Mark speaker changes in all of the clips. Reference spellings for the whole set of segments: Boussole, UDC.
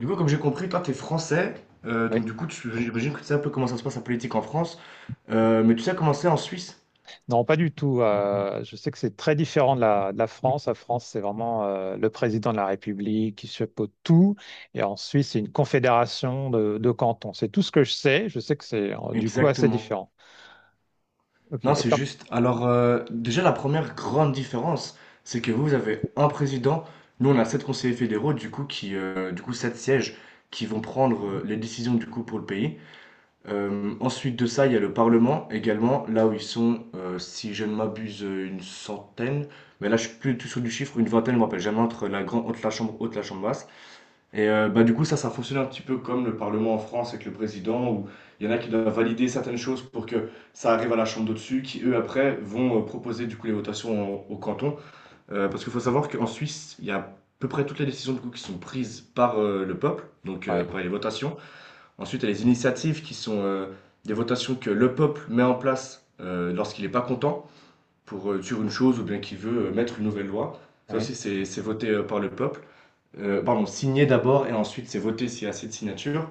Speaker 1: Du coup, comme j'ai compris, toi, t'es français, donc
Speaker 2: Oui.
Speaker 1: du coup, j'imagine que tu sais un peu comment ça se passe la politique en France, mais tu sais comment c'est en Suisse?
Speaker 2: Non, pas du tout. Je sais que c'est très différent de la France. La France, c'est vraiment le président de la République qui chapeaute tout. Et en Suisse, c'est une confédération de cantons. C'est tout ce que je sais. Je sais que c'est du coup assez
Speaker 1: Exactement.
Speaker 2: différent. Ok.
Speaker 1: Non, c'est juste. Alors, déjà, la première grande différence, c'est que vous avez un président, nous, on a sept conseillers fédéraux, du coup, sept sièges qui vont prendre les décisions, du coup, pour le pays. Ensuite de ça, il y a le Parlement également, là où ils sont, si je ne m'abuse, une centaine, mais là, je suis plus du tout sûr du chiffre, une vingtaine, je ne me rappelle jamais, entre la chambre haute, la chambre basse. Et du coup, ça fonctionne un petit peu comme le parlement en France avec le président où il y en a qui doivent valider certaines choses pour que ça arrive à la chambre d'au-dessus qui, eux, après, vont, proposer du coup les votations au canton. Parce qu'il faut savoir qu'en Suisse, il y a à peu près toutes les décisions du coup qui sont prises par, le peuple, donc
Speaker 2: Ouais,
Speaker 1: par les votations. Ensuite, il y a les initiatives qui sont, des votations que le peuple met en place, lorsqu'il n'est pas content pour, sur une chose ou bien qu'il veut, mettre une nouvelle loi. Ça
Speaker 2: ouais.
Speaker 1: aussi, c'est voté, par le peuple, pardon, signé d'abord et ensuite c'est voté s'il y a assez de signatures.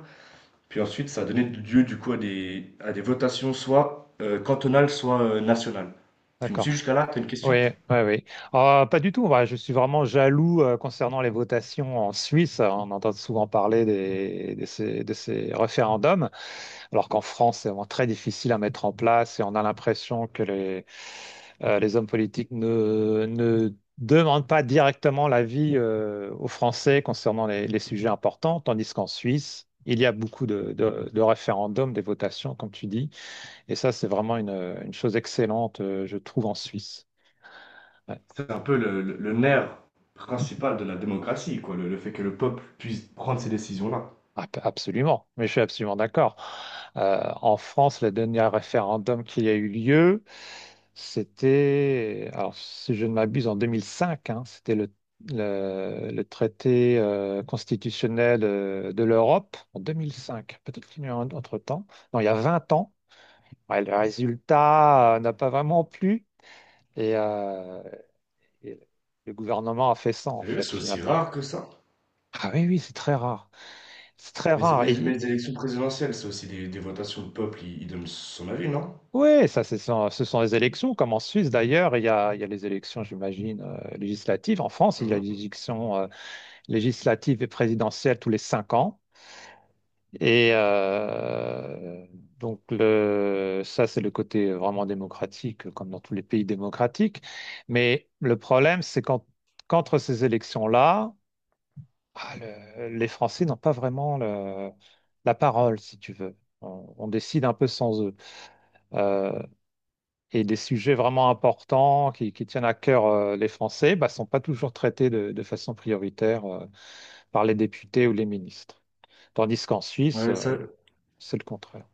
Speaker 1: Puis ensuite, ça a donné lieu du coup à à des votations soit cantonales, soit nationales. Tu me
Speaker 2: D'accord.
Speaker 1: suis jusqu'à là, t'as une question?
Speaker 2: Oui, oui, oui. Pas du tout. Moi, je suis vraiment jaloux concernant les votations en Suisse. On entend souvent parler de ces référendums. Alors qu'en France, c'est vraiment très difficile à mettre en place et on a l'impression que les hommes politiques ne demandent pas directement l'avis aux Français concernant les sujets importants, tandis qu'en Suisse, il y a beaucoup de référendums, des votations, comme tu dis, et ça, c'est vraiment une chose excellente, je trouve, en Suisse. Ouais.
Speaker 1: C'est un peu le nerf principal de la démocratie, quoi, le fait que le peuple puisse prendre ces décisions-là.
Speaker 2: Absolument, mais je suis absolument d'accord. En France, le dernier référendum qui a eu lieu, c'était, alors si je ne m'abuse, en 2005, hein, c'était le traité constitutionnel de l'Europe en 2005. Peut-être qu'il y a eu un autre temps. Non, il y a 20 ans. Ouais, le résultat n'a pas vraiment plu et, euh, et le gouvernement a fait ça, en
Speaker 1: Sérieux,
Speaker 2: fait,
Speaker 1: c'est aussi
Speaker 2: finalement.
Speaker 1: rare que ça.
Speaker 2: Ah oui, oui, c'est très rare. C'est très
Speaker 1: Mais, c'est-
Speaker 2: rare.
Speaker 1: mais, mais les élections présidentielles, c'est aussi des votations. Le peuple, il donne son avis, non?
Speaker 2: Oui, ça, ce sont les élections, comme en Suisse d'ailleurs, il y a les élections, j'imagine, législatives. En France, il y a les
Speaker 1: Mhm.
Speaker 2: élections législatives et présidentielles tous les 5 ans. Et donc, ça, c'est le côté vraiment démocratique, comme dans tous les pays démocratiques. Mais le problème, c'est qu'entre ces élections-là, ah, les Français n'ont pas vraiment la parole, si tu veux. On décide un peu sans eux. Euh, et des sujets vraiment importants qui tiennent à cœur les Français ne sont pas toujours traités de façon prioritaire par les députés ou les ministres. Tandis qu'en Suisse,
Speaker 1: Ouais, ça.
Speaker 2: c'est le contraire.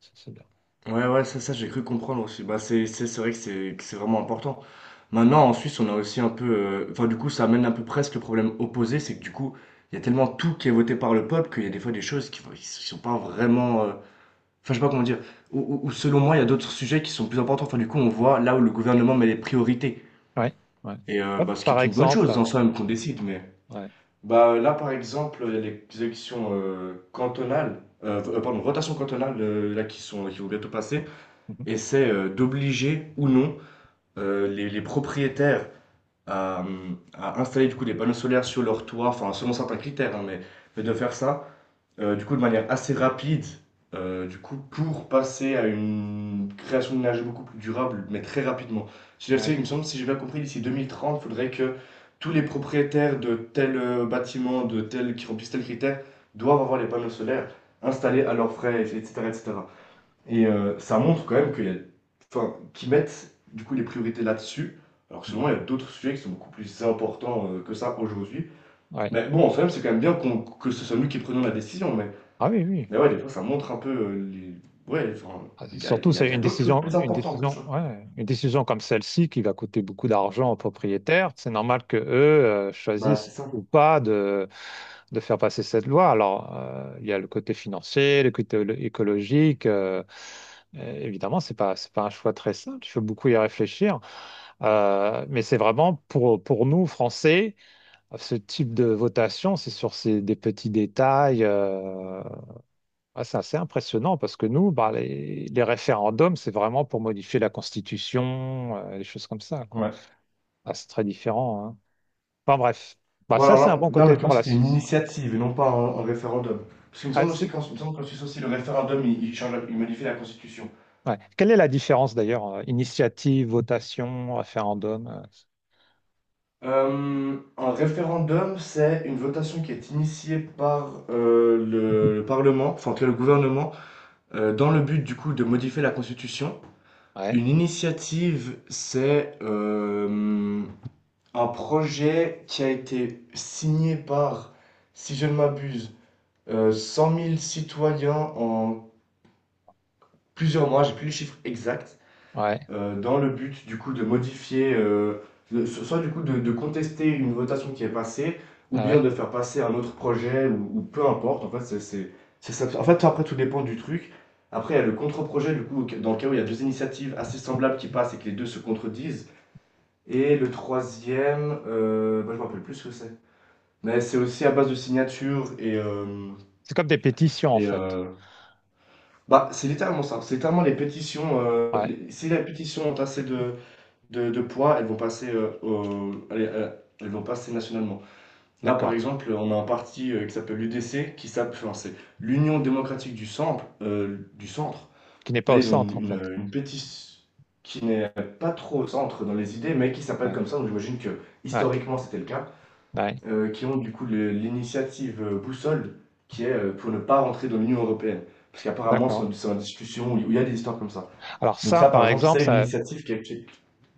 Speaker 2: Ça, c'est bien.
Speaker 1: Ouais, ouais, ça j'ai cru comprendre aussi. Bah, c'est vrai que c'est vraiment important. Maintenant, en Suisse, on a aussi un peu. Enfin, du coup, ça amène un peu presque le problème opposé, c'est que du coup, il y a tellement tout qui est voté par le peuple qu'il y a des fois des choses qui sont pas vraiment. Enfin, je sais pas comment dire. Ou selon moi, il y a d'autres sujets qui sont plus importants. Enfin, du coup, on voit là où le gouvernement met les priorités.
Speaker 2: Ouais, ouais.
Speaker 1: Et
Speaker 2: Hop,
Speaker 1: ce qui
Speaker 2: par
Speaker 1: est une bonne chose
Speaker 2: exemple,
Speaker 1: en soi, même qu'on décide, mais.
Speaker 2: ouais.
Speaker 1: Bah, là, par exemple, il y a les élections cantonales. Pardon, rotations cantonales, là, qui sont, qui vont bientôt passer
Speaker 2: Mhm.
Speaker 1: et c'est d'obliger ou non les propriétaires à, à installer du coup des panneaux solaires sur leur toit, enfin selon certains critères, hein, mais de faire ça du coup de manière assez rapide, du coup pour passer à une création d'énergie beaucoup plus durable, mais très rapidement.
Speaker 2: Ouais.
Speaker 1: Il me semble, si j'ai bien compris, d'ici 2030, il faudrait que tous les propriétaires de tel bâtiment, de tel qui remplissent tel critère, doivent avoir les panneaux solaires installés à leurs frais, etc., etc. Et ça montre quand même qu'il y a enfin, qu'ils mettent, du coup, les priorités là-dessus, alors que selon moi,
Speaker 2: Mhm.
Speaker 1: il y a d'autres sujets qui sont beaucoup plus importants, que ça aujourd'hui.
Speaker 2: Ouais.
Speaker 1: Mais bon, en soi c'est quand même bien qu'on que ce soit nous qui prenions la décision,
Speaker 2: Ah oui, oui.
Speaker 1: mais ouais, des fois, ça montre un peu, ouais, enfin, les gars,
Speaker 2: Surtout, c'est
Speaker 1: il y a d'autres choses plus
Speaker 2: une
Speaker 1: importantes que
Speaker 2: décision,
Speaker 1: ça.
Speaker 2: ouais, une décision comme celle-ci qui va coûter beaucoup d'argent aux propriétaires. C'est normal que eux
Speaker 1: Bah, c'est
Speaker 2: choisissent ou
Speaker 1: ça.
Speaker 2: pas de faire passer cette loi. Alors, il y a le côté financier, le côté écologique. Évidemment, c'est pas un choix très simple. Il faut beaucoup y réfléchir. Mais c'est vraiment pour nous, Français, ce type de votation, c'est sur des petits détails. Ah, c'est assez impressionnant parce que nous, bah, les référendums, c'est vraiment pour modifier la Constitution, les choses comme ça, quoi.
Speaker 1: Ouais.
Speaker 2: Ah, c'est très différent, hein. Enfin bref, bah,
Speaker 1: Bon,
Speaker 2: ça, c'est un bon
Speaker 1: en
Speaker 2: côté pour
Speaker 1: l'occurrence,
Speaker 2: la
Speaker 1: c'était une
Speaker 2: Suisse. Ouais.
Speaker 1: initiative et non pas un référendum. Parce qu'il me
Speaker 2: Ah,
Speaker 1: semble aussi qu'en il me semble qu'en Suisse aussi, le référendum, il change la il modifie la constitution.
Speaker 2: ouais. Quelle est la différence d'ailleurs, initiative, votation, référendum?
Speaker 1: Un référendum, c'est une votation qui est initiée par le Parlement, enfin en tout cas le gouvernement, dans le but du coup de modifier la Constitution. Une
Speaker 2: Ouais,
Speaker 1: initiative, c'est un projet qui a été signé par, si je ne m'abuse, 100 000 citoyens en plusieurs mois, j'ai plus les chiffres exacts.
Speaker 2: ouais,
Speaker 1: Dans le but du coup de modifier, soit du coup de contester une votation qui est passée, ou
Speaker 2: ah
Speaker 1: bien
Speaker 2: ouais.
Speaker 1: de faire passer un autre projet, ou peu importe. En fait, en fait, après, tout dépend du truc. Après, il y a le contre-projet, du coup, dans le cas où il y a deux initiatives assez semblables qui passent et que les deux se contredisent. Et le troisième, je me rappelle plus ce que c'est. Mais c'est aussi à base de signatures et,
Speaker 2: C'est comme des pétitions en
Speaker 1: et
Speaker 2: fait.
Speaker 1: euh, c'est littéralement ça. C'est littéralement les pétitions.
Speaker 2: Ouais,
Speaker 1: Si la pétition ont assez de poids, elles vont passer, elles vont passer nationalement. Là, par
Speaker 2: d'accord.
Speaker 1: exemple, on a un parti, qui s'appelle l'UDC, c'est l'Union démocratique du Centre, du Centre.
Speaker 2: Qui n'est pas
Speaker 1: Là,
Speaker 2: au
Speaker 1: ils ont
Speaker 2: centre en fait.
Speaker 1: une pétition qui n'est pas trop au centre dans les idées, mais qui s'appelle
Speaker 2: Ouais,
Speaker 1: comme ça, donc j'imagine que
Speaker 2: ouais,
Speaker 1: historiquement, c'était le cas,
Speaker 2: ouais,
Speaker 1: qui ont du coup le l'initiative, Boussole, qui est, pour ne pas rentrer dans l'Union européenne. Parce qu'apparemment,
Speaker 2: d'accord.
Speaker 1: c'est en discussion, où il y a des histoires comme ça.
Speaker 2: Alors
Speaker 1: Donc
Speaker 2: ça,
Speaker 1: ça, par
Speaker 2: par
Speaker 1: exemple,
Speaker 2: exemple,
Speaker 1: c'est une
Speaker 2: ça.
Speaker 1: initiative qui est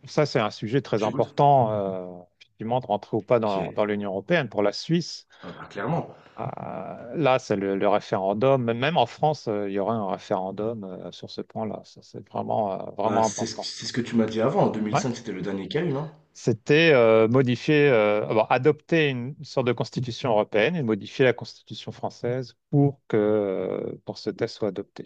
Speaker 2: Ça, c'est un sujet très
Speaker 1: je t'écoute?
Speaker 2: important, effectivement, de rentrer ou pas
Speaker 1: Qui
Speaker 2: dans
Speaker 1: est
Speaker 2: l'Union européenne. Pour la Suisse,
Speaker 1: ah bah, clairement.
Speaker 2: euh, là, c'est le référendum. Même en France, il y aura un référendum sur ce point-là. Ça, c'est vraiment, vraiment important.
Speaker 1: C'est ce que tu m'as dit avant. En
Speaker 2: Ouais.
Speaker 1: 2005, c'était le dernier qu'il y a eu, non?
Speaker 2: C'était modifier, avoir adopter une sorte de constitution européenne et modifier la constitution française pour pour ce texte soit adopté.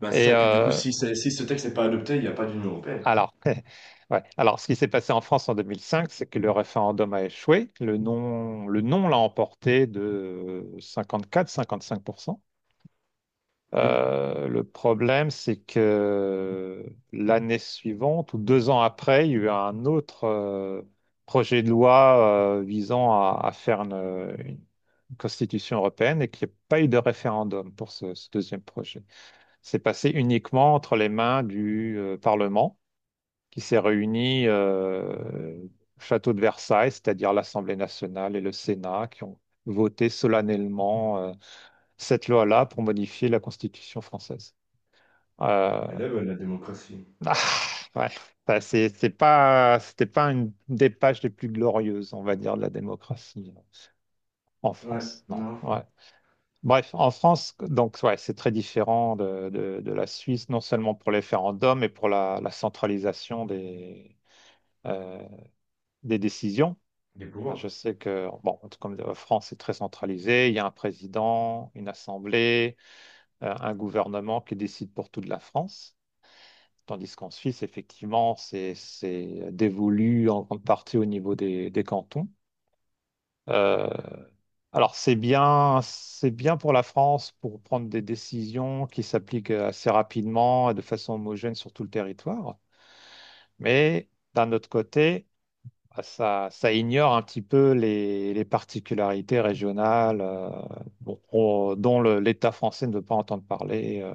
Speaker 1: Bah, c'est
Speaker 2: Et
Speaker 1: ça. Et puis, du coup,
Speaker 2: euh,
Speaker 1: si ce texte n'est pas adopté, il n'y a pas d'Union européenne.
Speaker 2: Alors, ouais. Alors, ce qui s'est passé en France en 2005, c'est que le référendum a échoué. Le non l'a emporté de 54-55%.
Speaker 1: Tu-
Speaker 2: Le problème, c'est que l'année suivante, ou 2 ans après, il y a eu un autre projet de loi visant à faire une constitution européenne et qu'il n'y a pas eu de référendum pour ce deuxième projet. C'est passé uniquement entre les mains du Parlement qui s'est réunie au château de Versailles, c'est-à-dire l'Assemblée nationale et le Sénat, qui ont voté solennellement cette loi-là pour modifier la Constitution française. Euh,
Speaker 1: Elle aime la démocratie.
Speaker 2: ah, ouais. Enfin, c'était pas une des pages les plus glorieuses, on va dire, de la démocratie en
Speaker 1: Ouais,
Speaker 2: France. Non.
Speaker 1: non.
Speaker 2: Ouais. Bref, en France, donc ouais, c'est très différent de la Suisse, non seulement pour les référendums, mais pour la centralisation euh, des décisions.
Speaker 1: Des
Speaker 2: Ah, je
Speaker 1: pouvoirs.
Speaker 2: sais que, bon, comme la France est très centralisée, il y a un président, une assemblée, un gouvernement qui décide pour toute la France. Tandis qu'en Suisse, effectivement, c'est dévolu en grande partie au niveau des cantons. Euh, alors, c'est bien pour la France pour prendre des décisions qui s'appliquent assez rapidement et de façon homogène sur tout le territoire. Mais d'un autre côté, ah, ça ça ignore un petit peu les particularités régionales bon, dont l'État français ne veut pas entendre parler,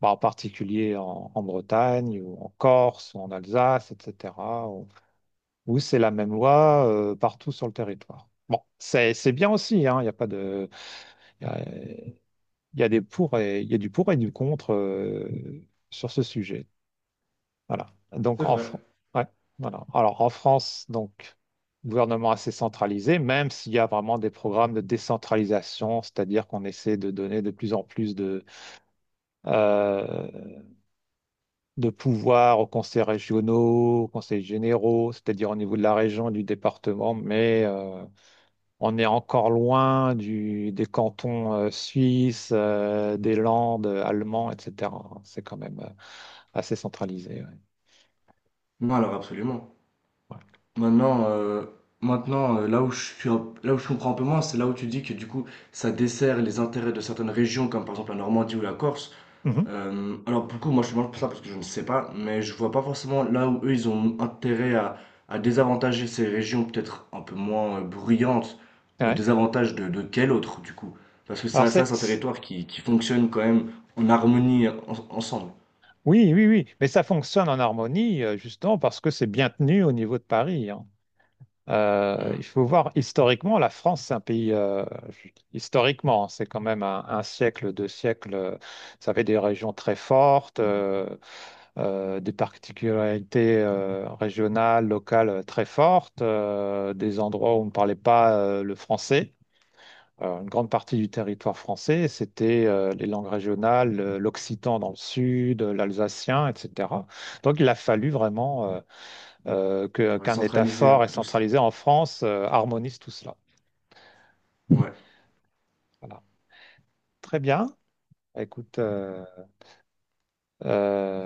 Speaker 2: bah, en particulier en Bretagne ou en Corse ou en Alsace, etc., où, où c'est la même loi partout sur le territoire. Bon, c'est bien aussi, hein, il y a pas de, il y a, il y a il y a du pour et du contre sur ce sujet. Voilà. Donc
Speaker 1: C'est vrai.
Speaker 2: Ouais, voilà. Alors en France, donc gouvernement assez centralisé, même s'il y a vraiment des programmes de décentralisation, c'est-à-dire qu'on essaie de donner de plus en plus euh, de pouvoir aux conseils régionaux, aux conseils généraux, c'est-à-dire au niveau de la région, du département, mais on est encore loin des cantons suisses, des Landes, allemands, etc. C'est quand même assez centralisé. Ouais.
Speaker 1: Non, alors, absolument.
Speaker 2: Voilà.
Speaker 1: Maintenant, euh, maintenant là où je suis là où je comprends un peu moins, c'est là où tu dis que, du coup, ça dessert les intérêts de certaines régions, comme par exemple la Normandie ou la Corse.
Speaker 2: Mhm.
Speaker 1: Alors pour le coup, moi je te demande pour ça parce que je ne sais pas, mais je vois pas forcément là où eux ils ont intérêt à désavantager ces régions peut-être un peu moins bruyantes au
Speaker 2: Ouais.
Speaker 1: désavantage de quel autre du coup? Parce que
Speaker 2: Alors
Speaker 1: ça
Speaker 2: c'est
Speaker 1: c'est un territoire qui fonctionne quand même en harmonie ensemble.
Speaker 2: Oui, oui, oui. Mais ça fonctionne en harmonie, justement, parce que c'est bien tenu au niveau de Paris, hein. Il
Speaker 1: Mhm.
Speaker 2: faut voir, historiquement, la France, c'est un pays, historiquement, hein, c'est quand même un siècle, deux siècles, ça avait des régions très fortes, des particularités régionales, locales très fortes, des endroits où on ne parlait pas le français une grande partie du territoire français. C'était les langues régionales, l'occitan dans le sud, l'alsacien, etc. Donc il a fallu vraiment
Speaker 1: Ouais,
Speaker 2: qu'un État
Speaker 1: centraliser un
Speaker 2: fort et
Speaker 1: peu tout ça.
Speaker 2: centralisé en France harmonise tout cela.
Speaker 1: Ouais.
Speaker 2: Voilà. Très bien. Écoute,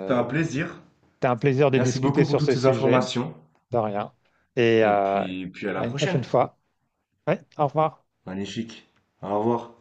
Speaker 1: C'était un plaisir.
Speaker 2: c'était un plaisir de
Speaker 1: Merci
Speaker 2: discuter
Speaker 1: beaucoup pour
Speaker 2: sur
Speaker 1: toutes
Speaker 2: ce
Speaker 1: ces
Speaker 2: sujet.
Speaker 1: informations.
Speaker 2: De rien. Et
Speaker 1: Et puis, puis à la
Speaker 2: à une
Speaker 1: prochaine.
Speaker 2: prochaine fois. Ouais, au revoir.
Speaker 1: Magnifique. Au revoir.